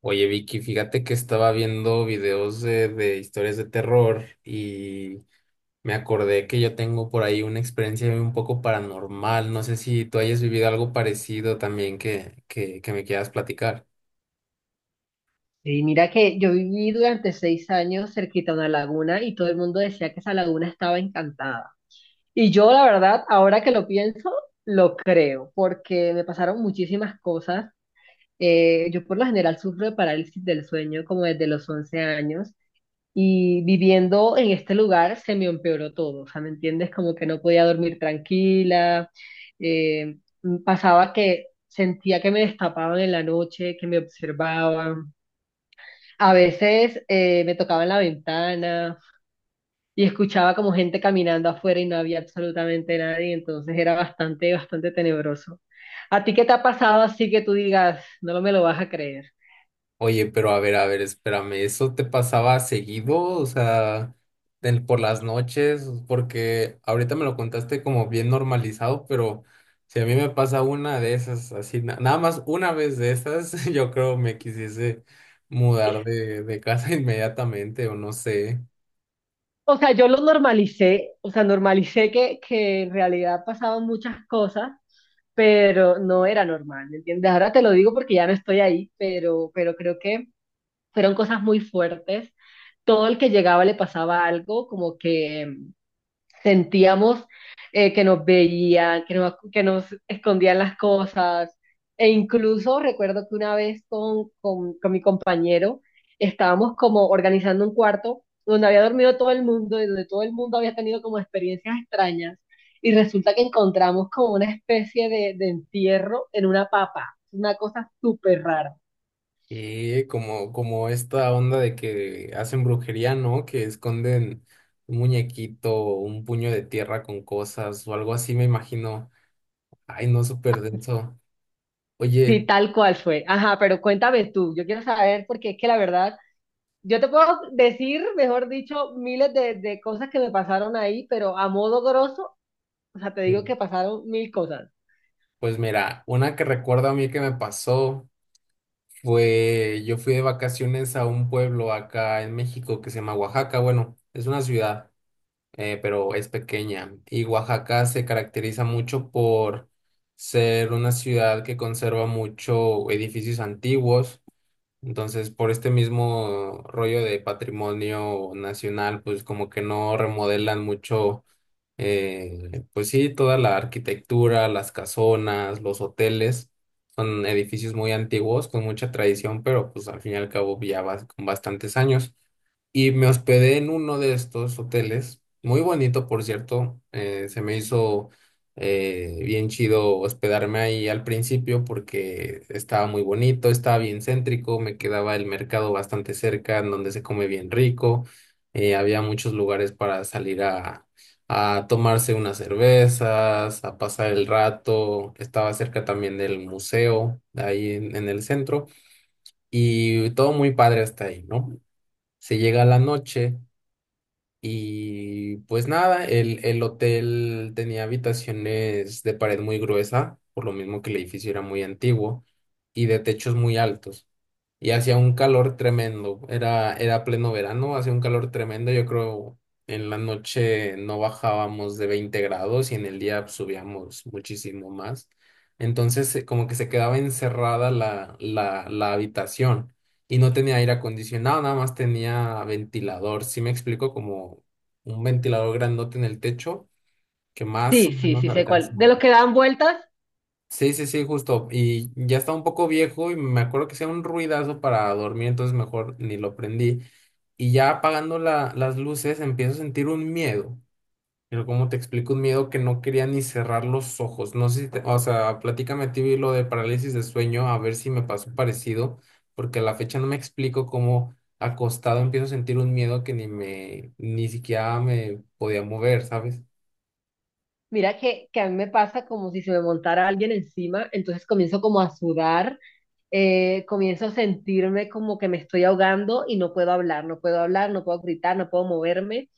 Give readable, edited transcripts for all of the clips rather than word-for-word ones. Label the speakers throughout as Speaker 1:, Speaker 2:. Speaker 1: Oye, Vicky, fíjate que estaba viendo videos de historias de terror y me acordé que yo tengo por ahí una experiencia un poco paranormal. No sé si tú hayas vivido algo parecido también que me quieras platicar.
Speaker 2: Sí, mira que yo viví durante 6 años cerquita a una laguna y todo el mundo decía que esa laguna estaba encantada. Y yo, la verdad, ahora que lo pienso, lo creo, porque me pasaron muchísimas cosas. Yo por lo general sufro de parálisis del sueño como desde los 11 años y viviendo en este lugar se me empeoró todo, o sea, ¿me entiendes? Como que no podía dormir tranquila. eh, Pasaba que sentía que me destapaban en la noche, que me observaban. A veces me tocaba en la ventana y escuchaba como gente caminando afuera y no había absolutamente nadie, entonces era bastante, bastante tenebroso. ¿A ti qué te ha pasado así que tú digas, no me lo vas a creer?
Speaker 1: Oye, pero a ver, espérame, ¿eso te pasaba seguido? O sea, por las noches, porque ahorita me lo contaste como bien normalizado, pero si a mí me pasa una de esas, así, nada más una vez de esas, yo creo me quisiese mudar de casa inmediatamente, o no sé.
Speaker 2: O sea, yo lo normalicé, o sea, normalicé que en realidad pasaban muchas cosas, pero no era normal, ¿me entiendes? Ahora te lo digo porque ya no estoy ahí, pero creo que fueron cosas muy fuertes. Todo el que llegaba le pasaba algo, como que sentíamos que nos veían, que nos escondían las cosas. E incluso recuerdo que una vez con mi compañero estábamos como organizando un cuarto donde había dormido todo el mundo y donde todo el mundo había tenido como experiencias extrañas. Y resulta que encontramos como una especie de entierro en una papa. Una cosa súper rara.
Speaker 1: Y como esta onda de que hacen brujería, ¿no? Que esconden un muñequito, un puño de tierra con cosas o algo así, me imagino. Ay, no, súper denso. Oye,
Speaker 2: Sí, tal cual fue. Ajá, pero cuéntame tú. Yo quiero saber porque es que la verdad, yo te puedo decir, mejor dicho, miles de cosas que me pasaron ahí, pero a modo grosso, o sea, te digo
Speaker 1: eh,
Speaker 2: que pasaron mil cosas.
Speaker 1: pues mira, una que recuerdo a mí que me pasó fue, yo fui de vacaciones a un pueblo acá en México que se llama Oaxaca. Bueno, es una ciudad, pero es pequeña. Y Oaxaca se caracteriza mucho por ser una ciudad que conserva mucho edificios antiguos. Entonces, por este mismo rollo de patrimonio nacional, pues como que no remodelan mucho. Pues sí, toda la arquitectura, las casonas, los hoteles, son edificios muy antiguos, con mucha tradición, pero pues al fin y al cabo ya vas con bastantes años. Y me hospedé en uno de estos hoteles, muy bonito, por cierto. Se me hizo bien chido hospedarme ahí al principio porque estaba muy bonito, estaba bien céntrico, me quedaba el mercado bastante cerca, en donde se come bien rico. Había muchos lugares para salir a tomarse unas cervezas, a pasar el rato. Estaba cerca también del museo, ahí en el centro, y todo muy padre hasta ahí, ¿no? Se llega la noche. Y pues nada, el hotel tenía habitaciones de pared muy gruesa, por lo mismo que el edificio era muy antiguo, y de techos muy altos y hacía un calor tremendo. Era pleno verano, hacía un calor tremendo. Yo creo en la noche no bajábamos de 20 grados y en el día subíamos muchísimo más. Entonces, como que se quedaba encerrada la habitación y no tenía aire acondicionado, nada más tenía ventilador. Sí me explico, como un ventilador grandote en el techo que más o
Speaker 2: Sí, sí,
Speaker 1: menos
Speaker 2: sí, sé cuál.
Speaker 1: alcanza,
Speaker 2: De los
Speaker 1: ¿no?
Speaker 2: que dan vueltas,
Speaker 1: Sí, sí, sí, justo. Y ya está un poco viejo y me acuerdo que hacía un ruidazo para dormir, entonces mejor ni lo prendí. Y ya apagando las luces empiezo a sentir un miedo. Pero como te explico, un miedo que no quería ni cerrar los ojos. No sé si o sea, platícame a ti lo de parálisis de sueño, a ver si me pasó parecido, porque a la fecha no me explico cómo acostado empiezo a sentir un miedo que ni siquiera me podía mover, ¿sabes?
Speaker 2: mira que a mí me pasa como si se me montara alguien encima, entonces comienzo como a sudar. Comienzo a sentirme como que me estoy ahogando y no puedo hablar, no puedo hablar, no puedo gritar, no puedo moverme.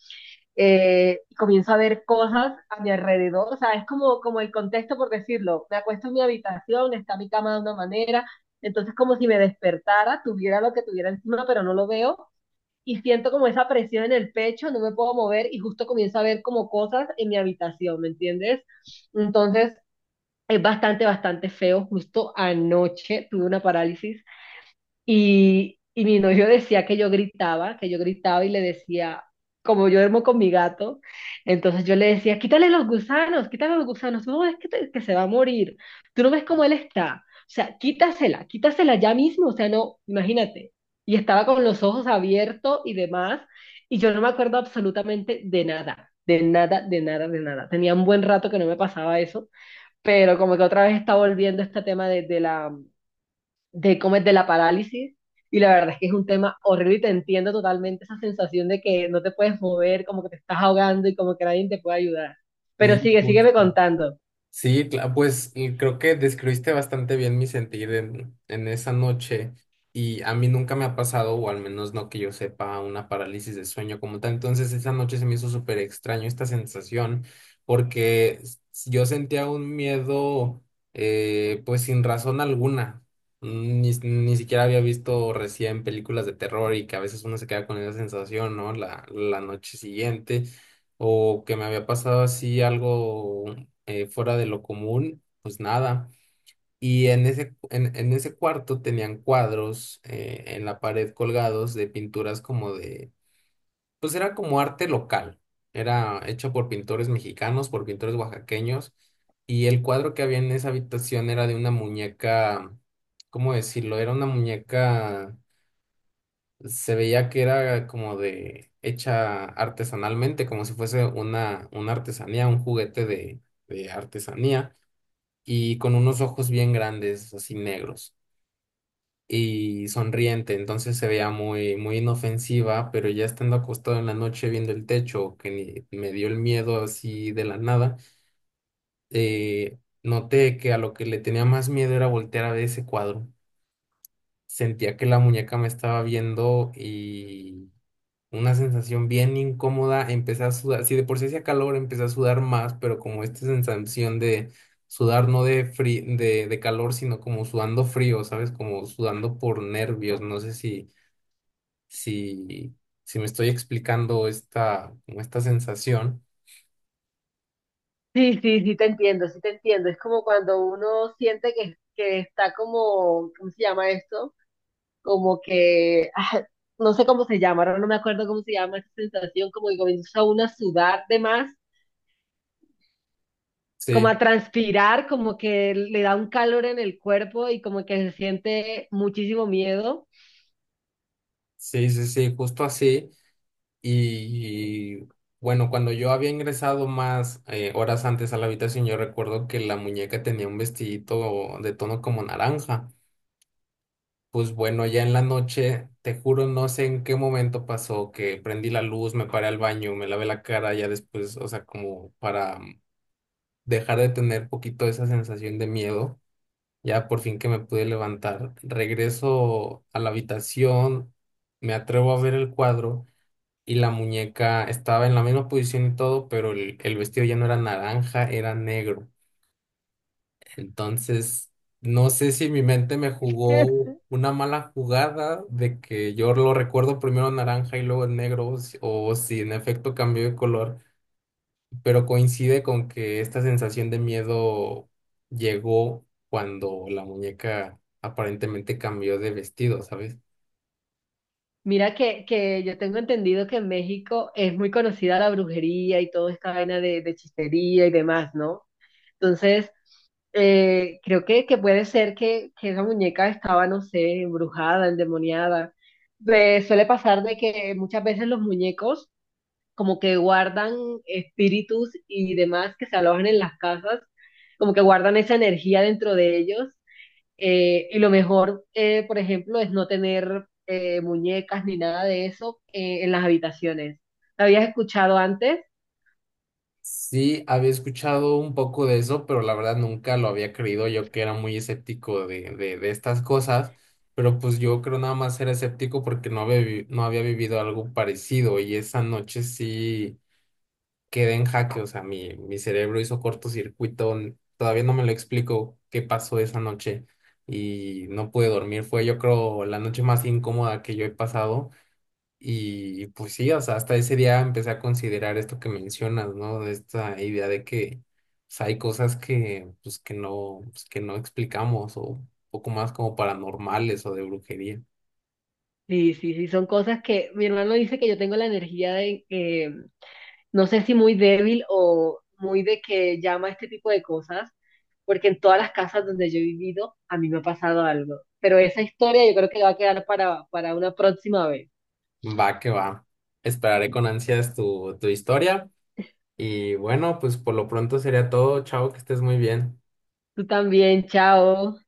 Speaker 2: Y comienzo a ver cosas a mi alrededor, o sea, es como, como el contexto, por decirlo, me acuesto en mi habitación, está mi cama de una manera, entonces como si me despertara, tuviera lo que tuviera encima, pero no lo veo, y siento como esa presión en el pecho, no me puedo mover, y justo comienzo a ver como cosas en mi habitación, ¿me entiendes? Entonces, es bastante, bastante feo, justo anoche tuve una parálisis y mi novio decía que yo gritaba y le decía, como yo duermo con mi gato, entonces yo le decía, quítale los gusanos, no, es que, que se va a morir, tú no ves cómo él está, o sea, quítasela, quítasela ya mismo, o sea, no, imagínate. Y estaba con los ojos abiertos y demás, y yo no me acuerdo absolutamente de nada, de nada, de nada, de nada. Tenía un buen rato que no me pasaba eso, pero como que otra vez está volviendo este tema de la de comer de la parálisis. Y la verdad es que es un tema horrible y te entiendo totalmente esa sensación de que no te puedes mover, como que te estás ahogando y como que nadie te puede ayudar. Pero
Speaker 1: Sí.
Speaker 2: sigue, sígueme contando.
Speaker 1: Sí, pues y creo que describiste bastante bien mi sentir en esa noche y a mí nunca me ha pasado, o al menos no que yo sepa, una parálisis de sueño como tal. Entonces esa noche se me hizo súper extraño esta sensación porque yo sentía un miedo pues sin razón alguna. Ni siquiera había visto recién películas de terror y que a veces uno se queda con esa sensación, ¿no? La noche siguiente o que me había pasado así algo fuera de lo común, pues nada. Y en ese, en ese cuarto tenían cuadros en la pared colgados de pinturas como pues era como arte local, era hecho por pintores mexicanos, por pintores oaxaqueños, y el cuadro que había en esa habitación era de una muñeca. ¿Cómo decirlo? Era una muñeca, se veía que era como de, hecha artesanalmente, como si fuese una artesanía, un juguete de artesanía y con unos ojos bien grandes, así negros, y sonriente, entonces se veía muy, muy inofensiva, pero ya estando acostado en la noche viendo el techo, que me dio el miedo así de la nada. Noté que a lo que le tenía más miedo era voltear a ver ese cuadro. Sentía que la muñeca me estaba viendo. Una sensación bien incómoda, empecé a sudar, si de por sí hacía calor, empecé a sudar más, pero como esta sensación de sudar no de, de calor, sino como sudando frío, ¿sabes? Como sudando por nervios, no sé si, si me estoy explicando esta, como esta sensación.
Speaker 2: Sí, sí, sí te entiendo, sí te entiendo. Es como cuando uno siente que está como, ¿cómo se llama esto? Como que, no sé cómo se llama, ahora no me acuerdo cómo se llama esa sensación, como que comienza uno a sudar de más, como
Speaker 1: Sí,
Speaker 2: a transpirar, como que le da un calor en el cuerpo y como que se siente muchísimo miedo.
Speaker 1: sí, sí, sí, justo así. Y bueno, cuando yo había ingresado más horas antes a la habitación, yo recuerdo que la muñeca tenía un vestidito de tono como naranja. Pues bueno, ya en la noche, te juro, no sé en qué momento pasó que prendí la luz, me paré al baño, me lavé la cara, ya después, o sea, como para dejar de tener poquito esa sensación de miedo, ya por fin que me pude levantar. Regreso a la habitación, me atrevo a ver el cuadro y la muñeca estaba en la misma posición y todo, pero el vestido ya no era naranja, era negro. Entonces, no sé si mi mente me jugó una mala jugada de que yo lo recuerdo primero naranja y luego en negro, o o si en efecto cambió de color, pero coincide con que esta sensación de miedo llegó cuando la muñeca aparentemente cambió de vestido, ¿sabes?
Speaker 2: Mira que yo tengo entendido que en México es muy conocida la brujería y toda esta vaina de chistería y demás, ¿no? Entonces, creo que puede ser que esa muñeca estaba, no sé, embrujada, endemoniada. Pues suele pasar de que muchas veces los muñecos como que guardan espíritus y demás que se alojan en las casas, como que guardan esa energía dentro de ellos. Y lo mejor, por ejemplo, es no tener muñecas ni nada de eso en las habitaciones. ¿Lo habías escuchado antes?
Speaker 1: Sí, había escuchado un poco de eso, pero la verdad nunca lo había creído yo que era muy escéptico de estas cosas, pero pues yo creo nada más era escéptico porque no había, no había vivido algo parecido y esa noche sí quedé en jaque, o sea, mi cerebro hizo cortocircuito, todavía no me lo explico qué pasó esa noche y no pude dormir, fue yo creo la noche más incómoda que yo he pasado. Y pues sí, o sea, hasta ese día empecé a considerar esto que mencionas, ¿no? De esta idea de que pues, hay cosas que, pues, que no explicamos, o un poco más como paranormales o de brujería.
Speaker 2: Sí, sí, sí, son cosas que mi hermano dice que yo tengo la energía de, que no sé si muy débil o muy de que llama a este tipo de cosas, porque en todas las casas donde yo he vivido a mí me ha pasado algo. Pero esa historia yo creo que va a quedar para una próxima vez.
Speaker 1: Va que va. Esperaré con ansias tu historia. Y bueno, pues por lo pronto sería todo. Chao, que estés muy bien.
Speaker 2: Tú también, chao.